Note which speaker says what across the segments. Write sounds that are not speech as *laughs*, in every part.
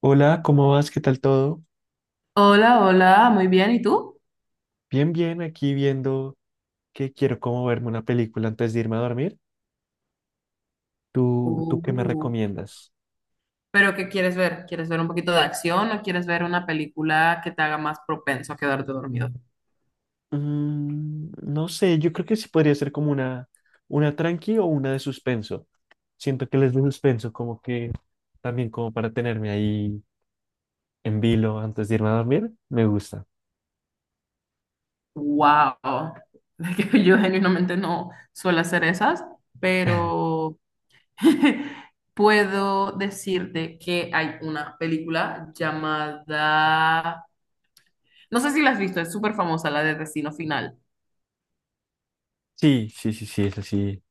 Speaker 1: Hola, ¿cómo vas? ¿Qué tal todo?
Speaker 2: Hola, hola, muy bien, ¿y tú?
Speaker 1: Bien, bien, aquí viendo que quiero como verme una película antes de irme a dormir. ¿Tú qué me
Speaker 2: Uh,
Speaker 1: recomiendas?
Speaker 2: ¿Pero qué quieres ver? ¿Quieres ver un poquito de acción o quieres ver una película que te haga más propenso a quedarte dormido?
Speaker 1: No sé, yo creo que sí podría ser como una tranqui o una de suspenso. Siento que les de suspenso como que también como para tenerme ahí en vilo antes de irme a dormir, me gusta.
Speaker 2: Wow, *laughs* que yo genuinamente no suelo hacer esas, pero *laughs* puedo decirte que hay una película llamada, no sé si la has visto, es súper famosa, la de Destino Final.
Speaker 1: Sí, sí, sí, sí, eso sí,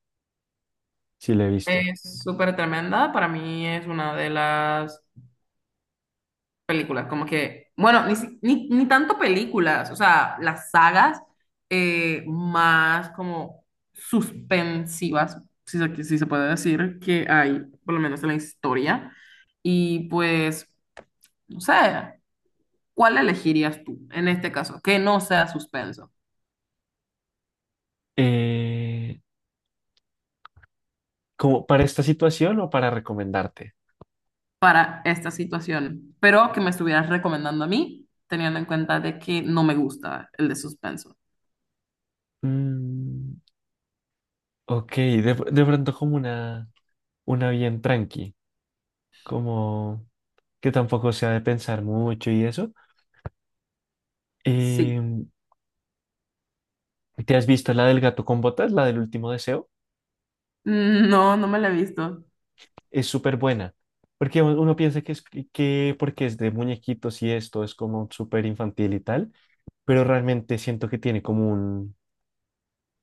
Speaker 1: sí lo he visto.
Speaker 2: Es súper tremenda, para mí es una de las películas, como que, bueno, ni, si- ni, ni tanto películas, o sea, las sagas más como suspensivas, si se puede decir, que hay, por lo menos en la historia. Y pues, no sé, ¿cuál elegirías tú en este caso? Que no sea suspenso
Speaker 1: Eh, ¿Como para esta situación o para recomendarte?
Speaker 2: para esta situación, pero que me estuvieras recomendando a mí, teniendo en cuenta de que no me gusta el de suspenso.
Speaker 1: Mm. Ok, de pronto como una bien tranqui, como que tampoco sea de pensar mucho y eso.
Speaker 2: Sí.
Speaker 1: Em, ¿Te has visto la del gato con botas, la del último deseo?
Speaker 2: No, no me la he visto.
Speaker 1: Es súper buena, porque uno piensa que, es, que porque es de muñequitos y esto es como súper infantil y tal, pero realmente siento que tiene como un,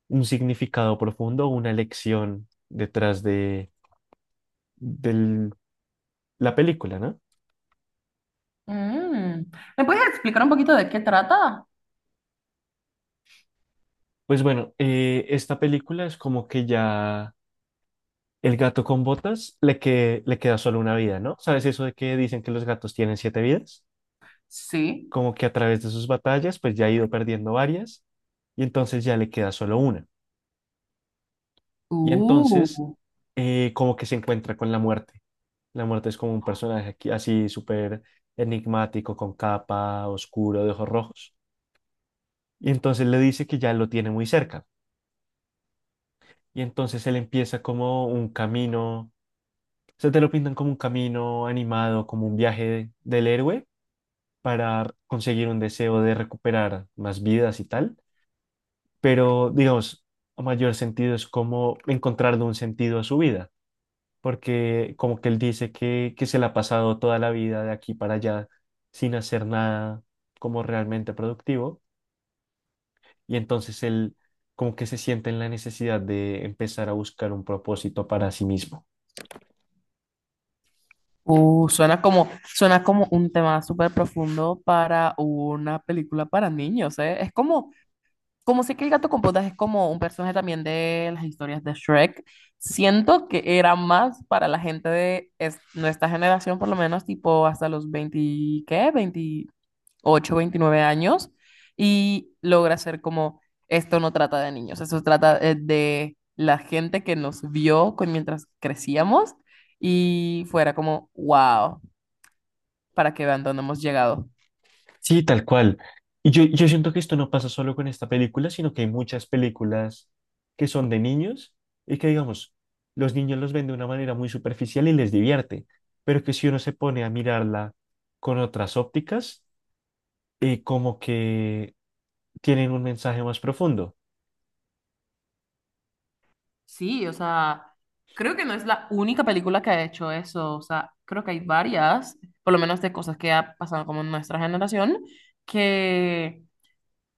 Speaker 1: un significado profundo, una lección detrás de, del- la película, ¿no?
Speaker 2: Mm. ¿Me puedes explicar un poquito de qué trata?
Speaker 1: Pues bueno, esta película es como que ya... El gato con botas le, que, le queda solo una vida, ¿no? ¿Sabes eso de que dicen que los gatos tienen 7 vidas?
Speaker 2: Sí.
Speaker 1: Como que a través de sus batallas, pues ya ha ido perdiendo varias y entonces ya le queda solo una. Y entonces,
Speaker 2: Uh.
Speaker 1: como que se encuentra con la muerte. La muerte es como un personaje aquí, así súper enigmático, con capa, oscuro, de ojos rojos. Y entonces le dice que ya lo tiene muy cerca. Y entonces él empieza como un camino, se te lo pintan como un camino animado, como un viaje del héroe para conseguir un deseo de recuperar más vidas y tal, pero digamos, a mayor sentido es como encontrarle un sentido a su vida, porque como que él dice que se la ha pasado toda la vida de aquí para allá sin hacer nada como realmente productivo, y entonces él como que se siente en la necesidad de empezar a buscar un propósito para sí mismo.
Speaker 2: Suena como un tema súper profundo para una película para niños, ¿eh? Es como, como sé que el gato con botas es como un personaje también de las historias de Shrek. Siento que era más para la gente de nuestra generación, por lo menos, tipo hasta los 20, ¿qué? 20, 28, 29 años y logra ser como, esto no trata de niños, eso trata de la gente que nos vio con, mientras crecíamos y fuera como, wow, para que vean dónde hemos llegado.
Speaker 1: Sí, tal cual. Y yo siento que esto no pasa solo con esta película, sino que hay muchas películas que son de niños y que, digamos, los niños los ven de una manera muy superficial y les divierte, pero que si uno se pone a mirarla con otras ópticas, como que tienen un mensaje más profundo.
Speaker 2: Sí, o sea, creo que no es la única película que ha hecho eso, o sea, creo que hay varias, por lo menos de cosas que ha pasado como en nuestra generación, que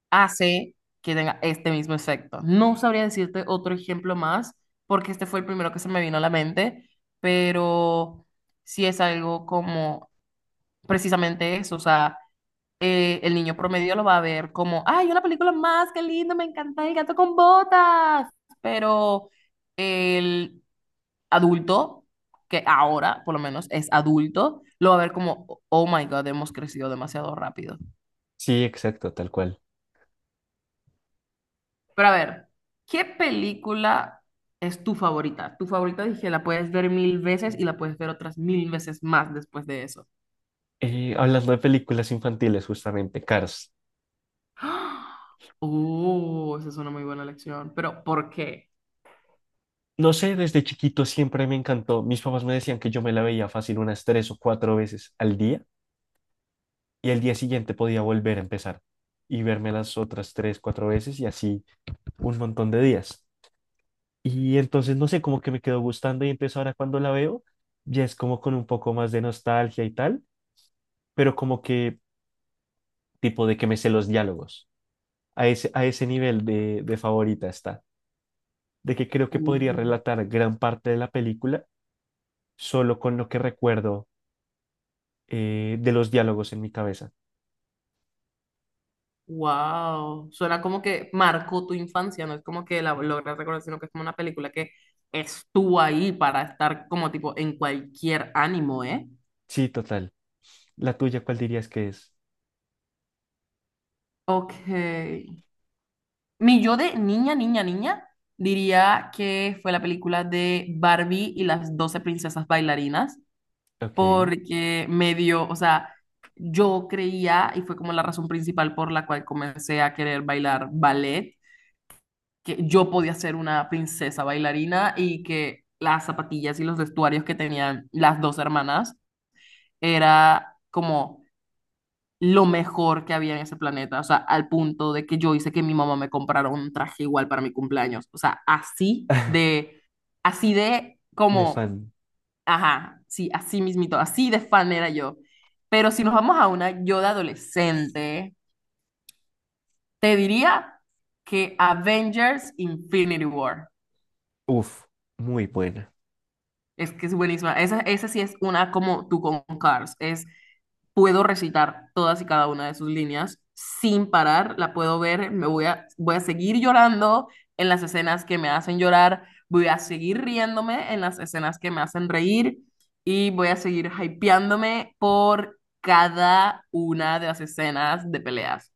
Speaker 2: hace que tenga este mismo efecto. No sabría decirte otro ejemplo más, porque este fue el primero que se me vino a la mente, pero sí es algo como precisamente eso, o sea, el niño promedio lo va a ver como, ¡ay, una película más, qué lindo, me encanta el gato con botas! Pero el adulto, que ahora por lo menos es adulto, lo va a ver como, oh my God, hemos crecido demasiado rápido.
Speaker 1: Sí, exacto, tal cual.
Speaker 2: Pero a ver, ¿qué película es tu favorita? Tu favorita, dije, la puedes ver mil veces y la puedes ver otras mil veces más después de eso. *gasps*
Speaker 1: Hablando de películas infantiles, justamente, Cars.
Speaker 2: ¡Ah! Oh, esa es una muy buena elección. Pero, ¿por qué?
Speaker 1: No sé, desde chiquito siempre me encantó. Mis papás me decían que yo me la veía fácil unas 3 o 4 veces al día y el día siguiente podía volver a empezar y verme las otras 3, 4 veces y así un montón de días. Y entonces, no sé, como que me quedó gustando y entonces ahora cuando la veo, ya es como con un poco más de nostalgia y tal, pero como que tipo de que me sé los diálogos. A ese nivel de favorita está, de que creo que podría relatar gran parte de la película solo con lo que recuerdo de los diálogos en mi cabeza.
Speaker 2: Wow. Suena como que marcó tu infancia, no es como que la logras recordar, sino que es como una película que estuvo ahí para estar como tipo en cualquier ánimo, ¿eh?
Speaker 1: Sí, total. ¿La tuya cuál dirías que es?
Speaker 2: Ok. Mi yo de niña, niña, niña, diría que fue la película de Barbie y las 12 princesas bailarinas,
Speaker 1: Ok.
Speaker 2: porque me dio, o sea, yo creía, y fue como la razón principal por la cual comencé a querer bailar ballet, que yo podía ser una princesa bailarina y que las zapatillas y los vestuarios que tenían las dos hermanas era como lo mejor que había en ese planeta, o sea, al punto de que yo hice que mi mamá me comprara un traje igual para mi cumpleaños, o sea,
Speaker 1: *laughs*
Speaker 2: así de
Speaker 1: De
Speaker 2: como,
Speaker 1: fan.
Speaker 2: ajá, sí, así mismito, así de fan era yo. Pero si nos vamos a una yo de adolescente, te diría que Avengers Infinity War.
Speaker 1: Uf, muy buena.
Speaker 2: Es que es buenísima. Esa sí es una como tú con Cars. Es, puedo recitar todas y cada una de sus líneas sin parar, la puedo ver, voy a seguir llorando en las escenas que me hacen llorar, voy a seguir riéndome en las escenas que me hacen reír y voy a seguir hypeándome por cada una de las escenas de peleas.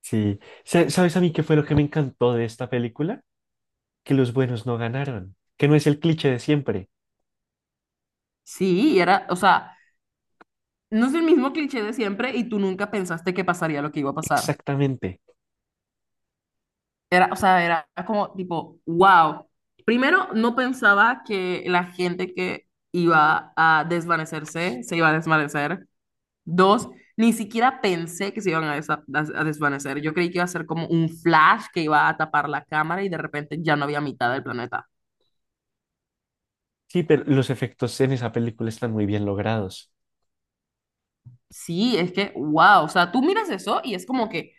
Speaker 1: Sí. Sa- ¿Sabes a mí qué fue lo que me encantó de esta película? Que los buenos no ganaron, que no es el cliché de siempre.
Speaker 2: Sí, y era, o sea, no es el mismo cliché de siempre y tú nunca pensaste que pasaría lo que iba a pasar.
Speaker 1: Exactamente.
Speaker 2: Era, o sea, era como tipo, wow. Primero, no pensaba que la gente que iba a desvanecerse se iba a desvanecer. Dos, ni siquiera pensé que se iban a desvanecer. Yo creí que iba a ser como un flash que iba a tapar la cámara y de repente ya no había mitad del planeta.
Speaker 1: Sí, pero los efectos en esa película están muy bien logrados.
Speaker 2: Sí, es que, wow. O sea, tú miras eso y es como que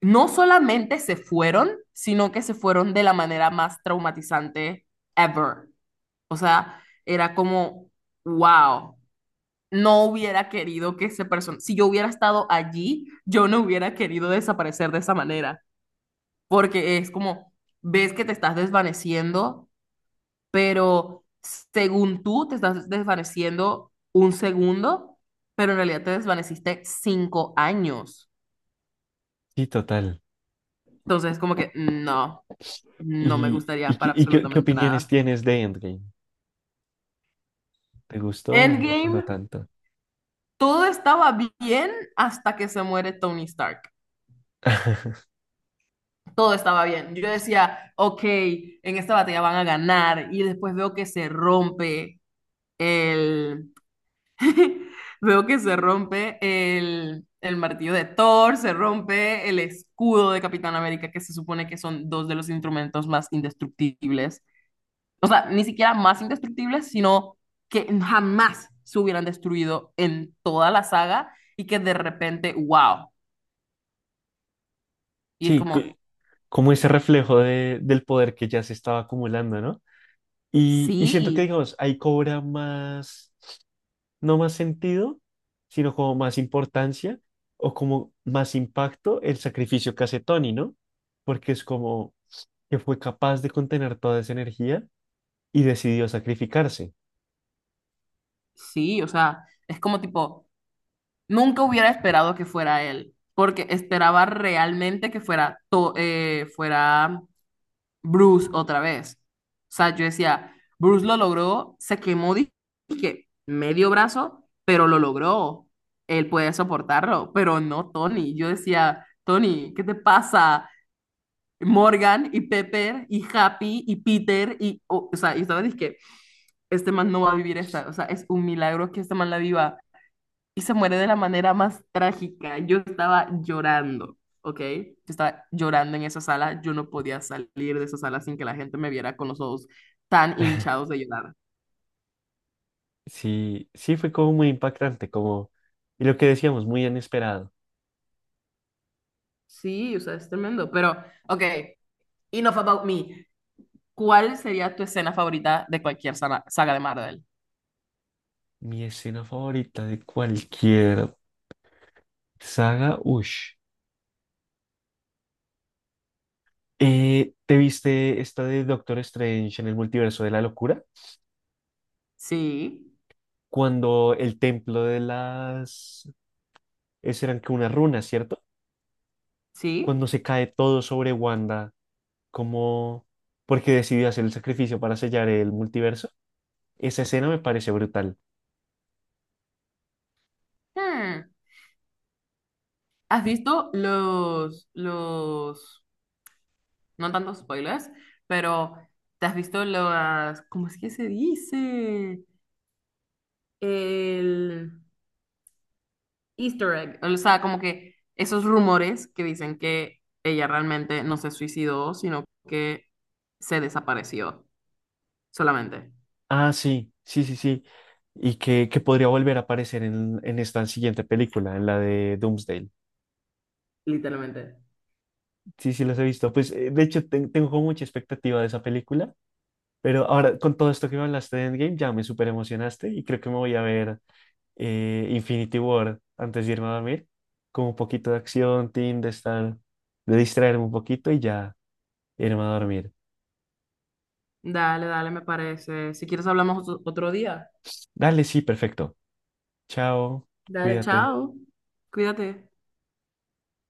Speaker 2: no solamente se fueron, sino que se fueron de la manera más traumatizante ever. O sea, era como, wow. No hubiera querido que ese persona, si yo hubiera estado allí, yo no hubiera querido desaparecer de esa manera, porque es como, ves que te estás desvaneciendo, pero según tú te estás desvaneciendo un segundo, pero en realidad te desvaneciste 5 años.
Speaker 1: Sí, total.
Speaker 2: Entonces, como que no, no me
Speaker 1: ¿Y,
Speaker 2: gustaría
Speaker 1: y, qué,
Speaker 2: para
Speaker 1: y qué- qué
Speaker 2: absolutamente
Speaker 1: opiniones
Speaker 2: nada.
Speaker 1: tienes de Endgame? ¿Te gustó o
Speaker 2: Endgame,
Speaker 1: no tanto?
Speaker 2: todo estaba bien hasta que se muere Tony Stark.
Speaker 1: *laughs*
Speaker 2: Todo estaba bien. Yo decía, ok, en esta batalla van a ganar y después veo que se rompe el... *laughs* Veo que se rompe el martillo de Thor, se rompe el escudo de Capitán América, que se supone que son dos de los instrumentos más indestructibles. O sea, ni siquiera más indestructibles, sino que jamás se hubieran destruido en toda la saga y que de repente, wow. Y es
Speaker 1: Sí,
Speaker 2: como,
Speaker 1: como ese reflejo del poder que ya se estaba acumulando, ¿no? Y siento que,
Speaker 2: sí,
Speaker 1: digamos, ahí cobra más. No más sentido, sino como más importancia o como más impacto el sacrificio que hace Tony, ¿no? Porque es como que fue capaz de contener toda esa energía y decidió sacrificarse.
Speaker 2: sí, o sea, es como tipo... Nunca hubiera esperado que fuera él, porque esperaba realmente que fuera Bruce otra vez. O sea, yo decía, Bruce lo logró, se quemó, dije, medio brazo, pero lo logró. Él puede soportarlo, pero no Tony. Yo decía, Tony, ¿qué te pasa? Morgan y Pepper y Happy y Peter y, o sea, y estaba, dije, este man no va a vivir esta, o sea, es un milagro que este man la viva y se muere de la manera más trágica. Yo estaba llorando, ¿ok? Yo estaba llorando en esa sala. Yo no podía salir de esa sala sin que la gente me viera con los ojos tan hinchados de llorar.
Speaker 1: Sí, sí fue como muy impactante, como, y lo que decíamos, muy inesperado.
Speaker 2: Sí, o sea, es tremendo. Pero, ok, enough about me. ¿Cuál sería tu escena favorita de cualquier saga de Marvel?
Speaker 1: Mi escena favorita de cualquier saga, ush. ¿Te viste esta de Doctor Strange en el multiverso de la locura?
Speaker 2: Sí,
Speaker 1: Cuando el templo de las... Esas eran que unas runas, ¿cierto? Cuando
Speaker 2: sí.
Speaker 1: se cae todo sobre Wanda, como porque decidió hacer el sacrificio para sellar el multiverso, esa escena me parece brutal.
Speaker 2: Hmm. ¿Has visto los, no tantos spoilers, pero te has visto las, ¿cómo es que se dice? El Easter egg, o sea, como que esos rumores que dicen que ella realmente no se suicidó, sino que se desapareció solamente,
Speaker 1: Ah, sí, sí, sí, sí. Y que podría volver a aparecer en esta siguiente película, en la de Doomsday.
Speaker 2: literalmente.
Speaker 1: Sí, sí, las he visto. Pues de hecho, tengo como mucha expectativa de esa película. Pero ahora, con todo esto que me hablaste de Endgame, ya me súper emocionaste y creo que me voy a ver Infinity War antes de irme a dormir, con un poquito de acción, team, de estar, de distraerme un poquito y ya irme a dormir.
Speaker 2: Dale, dale, me parece. Si quieres hablamos otro día.
Speaker 1: Dale, sí, perfecto. Chao,
Speaker 2: Dale,
Speaker 1: cuídate.
Speaker 2: chao. Cuídate.